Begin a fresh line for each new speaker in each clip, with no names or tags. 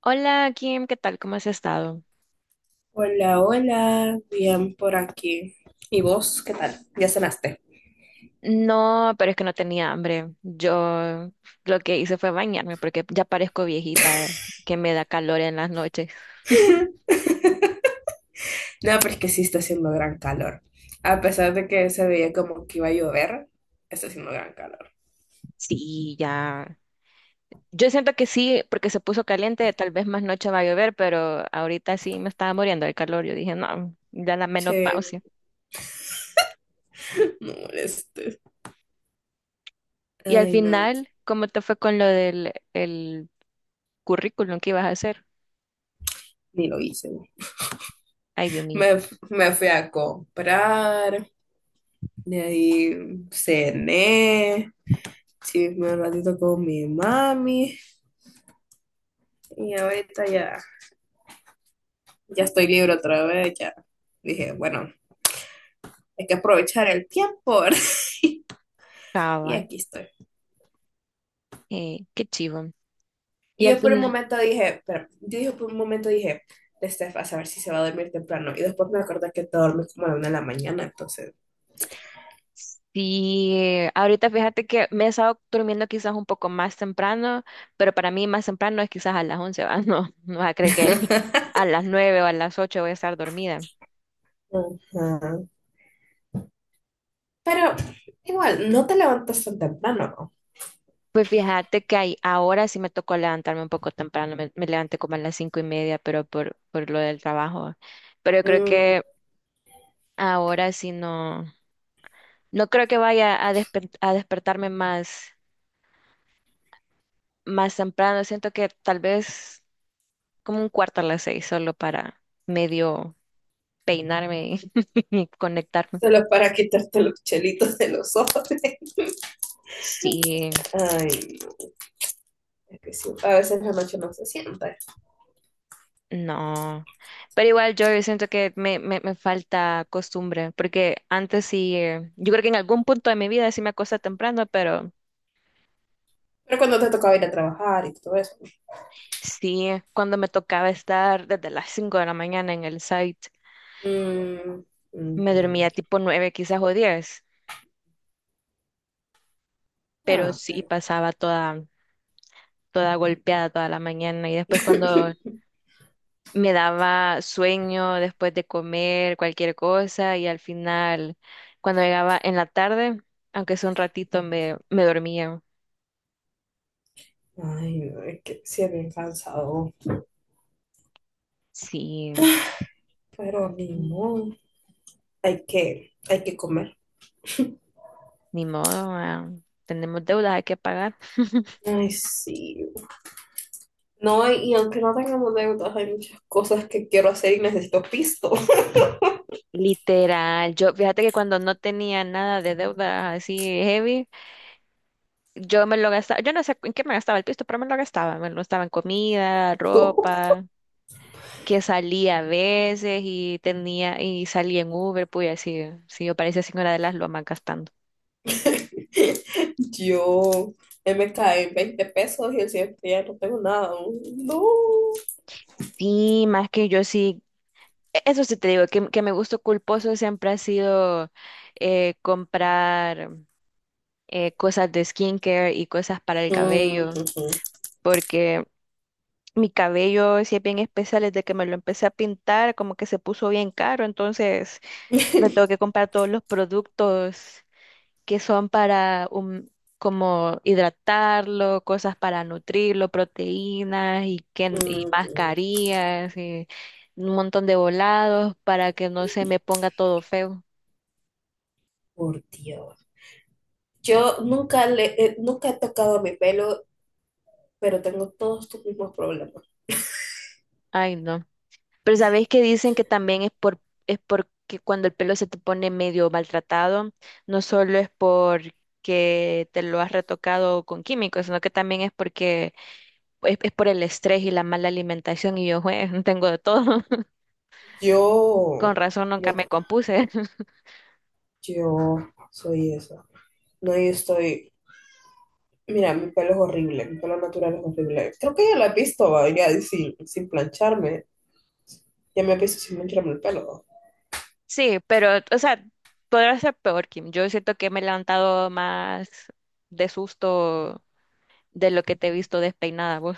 Hola Kim, ¿qué tal? ¿Cómo has estado?
Hola, hola, bien por aquí. ¿Y vos qué tal? ¿Ya cenaste?
No, pero es que no tenía hambre. Yo lo que hice fue bañarme porque ya parezco viejita, que me da calor en las noches.
No, pero es que sí está haciendo gran calor. A pesar de que se veía como que iba a llover, está haciendo gran calor.
Sí, ya. Yo siento que sí, porque se puso caliente, tal vez más noche va a llover, pero ahorita sí me estaba muriendo del calor. Yo dije, no, ya la
Sí,
menopausia.
no molestes.
Y al
Ay, no,
final, ¿cómo te fue con lo del el currículum que ibas a hacer?
ni lo hice.
Ay, Dios mío,
Me, me fui a comprar, de ahí cené, chisme un ratito con mi mami y ahorita ya estoy libre otra vez, ya. Dije, bueno, hay que aprovechar el tiempo, ¿verdad? Y
cabal,
aquí estoy.
qué chivo. Y
Y
al
yo por un
final.
momento dije, de Steph, a saber si se va a dormir temprano. Y después me acordé que te duermes como a la 1 de la mañana, entonces.
Sí, ahorita fíjate que me he estado durmiendo quizás un poco más temprano, pero para mí más temprano es quizás a las 11. ¿Va? No, no vas a creer que a las 9 o a las 8 voy a estar dormida.
Ajá. Pero igual, no te levantas tan temprano.
Pues fíjate que ahora sí me tocó levantarme un poco temprano, me levanté como a las 5:30, pero por lo del trabajo. Pero yo creo
¿No? Mm,
que ahora sí no, no creo que vaya a despertarme más, temprano, siento que tal vez como un cuarto a las 6 solo para medio peinarme y conectarme.
solo para quitarte los chelitos de los ojos.
Sí,
Ay, no, es que sí, a veces la noche no se siente.
no. Pero igual yo siento que me falta costumbre, porque antes sí, yo creo que en algún punto de mi vida sí me acosté temprano, pero
Pero cuando te tocaba ir a trabajar y todo eso.
sí, cuando me tocaba estar desde las 5 de la mañana en el site,
Mm,
me
mhm.
dormía tipo 9 quizás o 10, pero
Ah,
sí
pero.
pasaba toda golpeada toda la mañana y después cuando me daba sueño después de comer cualquier cosa y al final, cuando llegaba en la tarde, aunque sea un ratito, me dormía.
Ay, no, es que sí es bien cansado.
Sí,
Pero ni modo. Hay que comer.
ni modo, tenemos deudas, hay que pagar.
Ay, sí. No, y aunque no tengamos deudas, hay muchas cosas que quiero hacer y necesito pisto.
Literal, yo fíjate que cuando no tenía nada de deuda así heavy, yo me lo gastaba, yo no sé en qué me gastaba el pisto, pero me lo gastaba en comida,
Yo
ropa. Que salía a veces y tenía y salía en Uber, pues así, sí, yo parecía señora de las lomas gastando.
yo me caí 20 pesos y el siguiente día no tengo nada. No.
Sí, más que yo sí, eso sí te digo, que mi gusto culposo siempre ha sido comprar cosas de skincare y cosas para el
Mm,
cabello,
ujú.
porque mi cabello sí es bien especial, desde que me lo empecé a pintar, como que se puso bien caro, entonces me tengo que comprar todos los productos que son para como hidratarlo, cosas para nutrirlo, proteínas y
Mm,
mascarillas y un montón de volados para que no se me ponga todo feo.
por Dios. Yo nunca le, nunca he tocado mi pelo, pero tengo todos tus mismos problemas.
Ay, no. Pero ¿sabéis que dicen que también es porque cuando el pelo se te pone medio maltratado, no solo es porque te lo has retocado con químicos, sino que también es porque es por el estrés y la mala alimentación y yo, "Jue, tengo de todo". Con
Yo,
razón nunca
no,
me compuse.
yo soy eso. No, mira, mi pelo es horrible, mi pelo natural es horrible. Creo que ya lo has visto, va, ya sin, plancharme. Ya me he visto sin plancharme el pelo.
Sí, pero, o sea, podrá ser peor, Kim. Yo siento que me he levantado más de susto de lo que te he visto despeinada vos.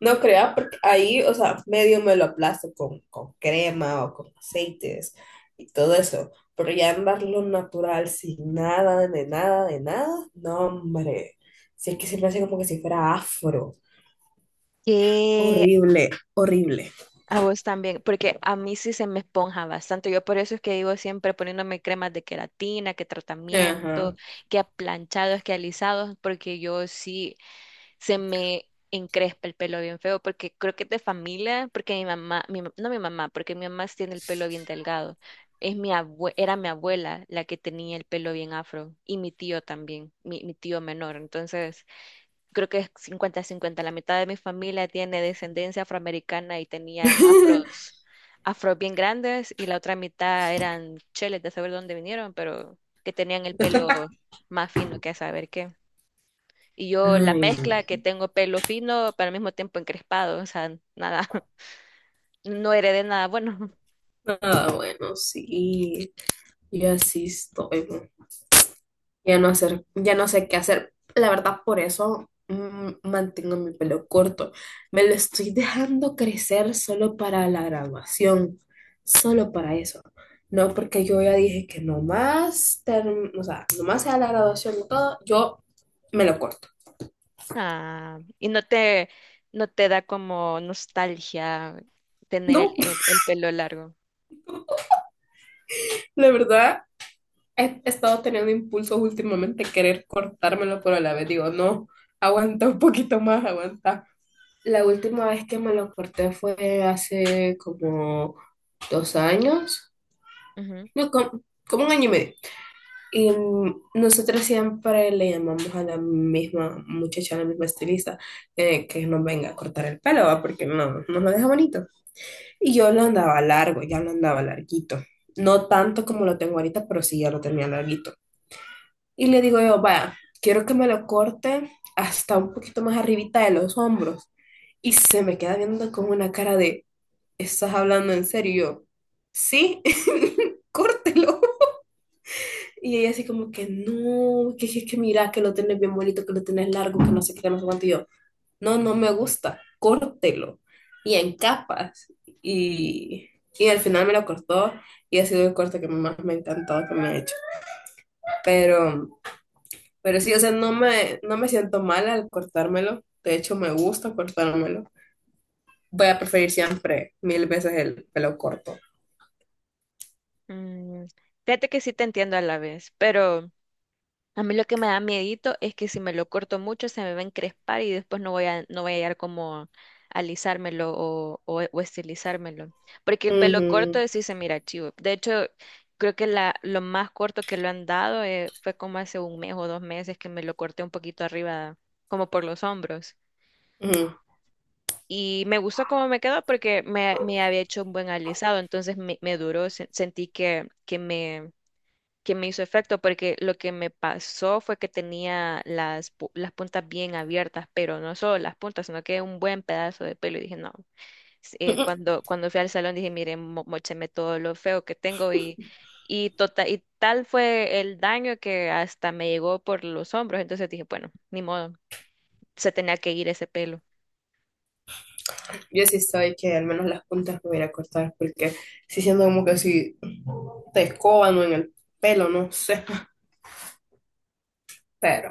No creas, porque ahí, o sea, medio me lo aplasto con crema o con aceites y todo eso. Pero ya andarlo natural sin nada, de nada, de nada, no, hombre. Si es que se me hace como que si fuera afro.
Que
Horrible, horrible.
a vos también, porque a mí sí se me esponja bastante. Yo por eso es que digo siempre poniéndome cremas de queratina, que tratamiento,
Ajá.
que a planchados, que alisados, porque yo sí. Se me encrespa el pelo bien feo, porque creo que es de familia, porque mi mamá, no, mi mamá, porque mi mamá sí tiene el pelo bien delgado. Es era mi abuela la que tenía el pelo bien afro y mi tío también, mi tío menor. Entonces, creo que es 50 cincuenta. La mitad de mi familia tiene descendencia afroamericana y tenían afros bien grandes y la otra mitad eran cheles de saber dónde vinieron, pero que tenían el pelo más fino que a saber qué. Y yo, la
Ay,
mezcla, que
no.
tengo pelo fino, pero al mismo tiempo encrespado, o sea, nada. No heredé nada bueno.
Ah, bueno, sí. Yo así estoy. ¿No? Ya no hacer, ya no sé qué hacer. La verdad, por eso mantengo mi pelo corto. Me lo estoy dejando crecer solo para la graduación. Solo para eso. No porque yo ya dije que o sea, nomás sea la graduación y todo, yo me lo corto.
Ah, y no te da como nostalgia tener el,
No,
el, el pelo largo.
la verdad, he estado teniendo impulsos últimamente de querer cortármelo, pero a la vez digo, no, aguanta un poquito más, aguanta. La última vez que me lo corté fue hace como 2 años,
Ujú.
no, como, como 1 año y medio. Y nosotros siempre le llamamos a la misma muchacha, a la misma estilista, que nos venga a cortar el pelo, ¿va? Porque no, no lo deja bonito. Y yo lo andaba largo, ya lo andaba larguito. No tanto como lo tengo ahorita, pero sí ya lo tenía larguito. Y le digo yo, vaya, quiero que me lo corte hasta un poquito más arribita de los hombros. Y se me queda viendo con una cara de, ¿estás hablando en serio? Y yo, sí, córtelo. Y ella así como que, no, que, mira, que lo tenés bien bonito, que lo tenés largo, que no sé qué, que no sé cuánto. Y yo, no, no me gusta, córtelo. Y en capas. Y, y al final me lo cortó y ha sido el corte que más me ha encantado que me ha hecho. Pero. Pero sí, o sea, no me siento mal al cortármelo. De hecho, me gusta cortármelo. Voy a preferir siempre mil veces el pelo corto.
Mm, fíjate que sí te entiendo a la vez, pero a mí lo que me da miedito es que si me lo corto mucho se me va a encrespar y después no voy a hallar cómo alisármelo, o estilizármelo. Porque el pelo
Ujú,
corto sí se mira chivo. De hecho, creo que la, lo más corto que lo han dado, fue como hace un mes o 2 meses que me lo corté un poquito arriba, como por los hombros.
ujú.
Y me gustó cómo me quedó porque me había hecho un buen alisado, entonces me duró, sentí que, que me hizo efecto, porque lo que me pasó fue que tenía las puntas bien abiertas, pero no solo las puntas, sino que un buen pedazo de pelo. Y dije, no, cuando, cuando fui al salón dije, mire, mócheme todo lo feo que tengo y tal fue el daño que hasta me llegó por los hombros. Entonces dije, bueno, ni modo, se tenía que ir ese pelo.
Yo sí soy que al menos las puntas me voy a ir a cortar porque sí siento como que si te escoban o en el pelo, no sé. Pero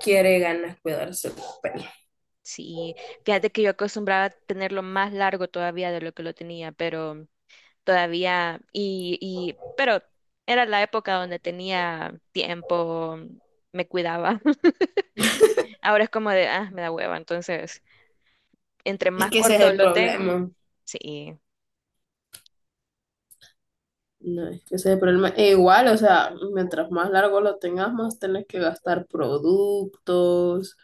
quiere ganas cuidarse el pelo.
Sí, fíjate que yo acostumbraba a tenerlo más largo todavía de lo que lo tenía, pero todavía pero era la época donde tenía tiempo, me cuidaba. Ahora es como de, ah, me da hueva, entonces, entre
Es
más
que ese es
corto
el
lo tengo,
problema.
sí,
No, es que ese es el problema. E igual, o sea, mientras más largo lo tengas, más tenés que gastar productos.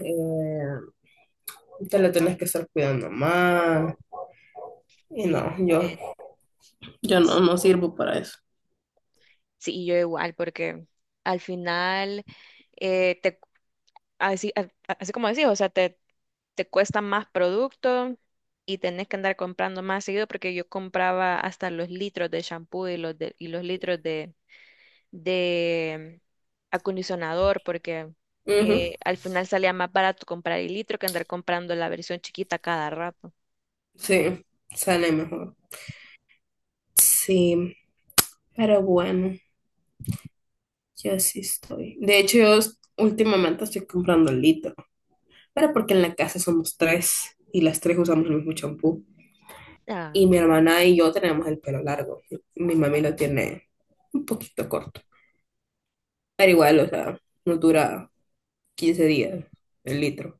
eh, Te la tenés que estar cuidando más. Y
lit-
no, yo.
eh,
Yo no, no sirvo para eso.
sí, yo igual, porque al final, te, así, a- así como decís, o sea, te cuesta más producto y tenés que andar comprando más seguido, porque yo compraba hasta los litros de shampoo y y los litros de acondicionador, porque
Ujú,
al final salía más barato comprar el litro que andar comprando la versión chiquita cada rato.
sí, sale mejor. Sí, pero bueno, yo sí estoy. De hecho, últimamente estoy comprando litro, pero porque en la casa somos tres y las tres usamos el mismo champú. Y
Ah,
mi hermana y yo tenemos el pelo largo. Mi mami lo tiene un poquito corto, pero igual, o sea, no dura 15 días el litro.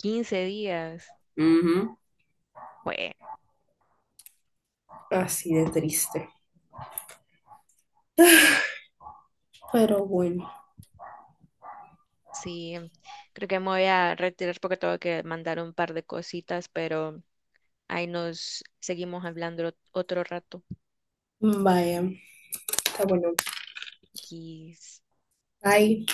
15 días.
Ujú,
Bueno,
así de triste. Pero bueno.
sí, creo que me voy a retirar porque tengo que mandar un par de cositas, pero ahí nos seguimos hablando otro rato.
Vaya, está bueno.
Y salud.
Bye.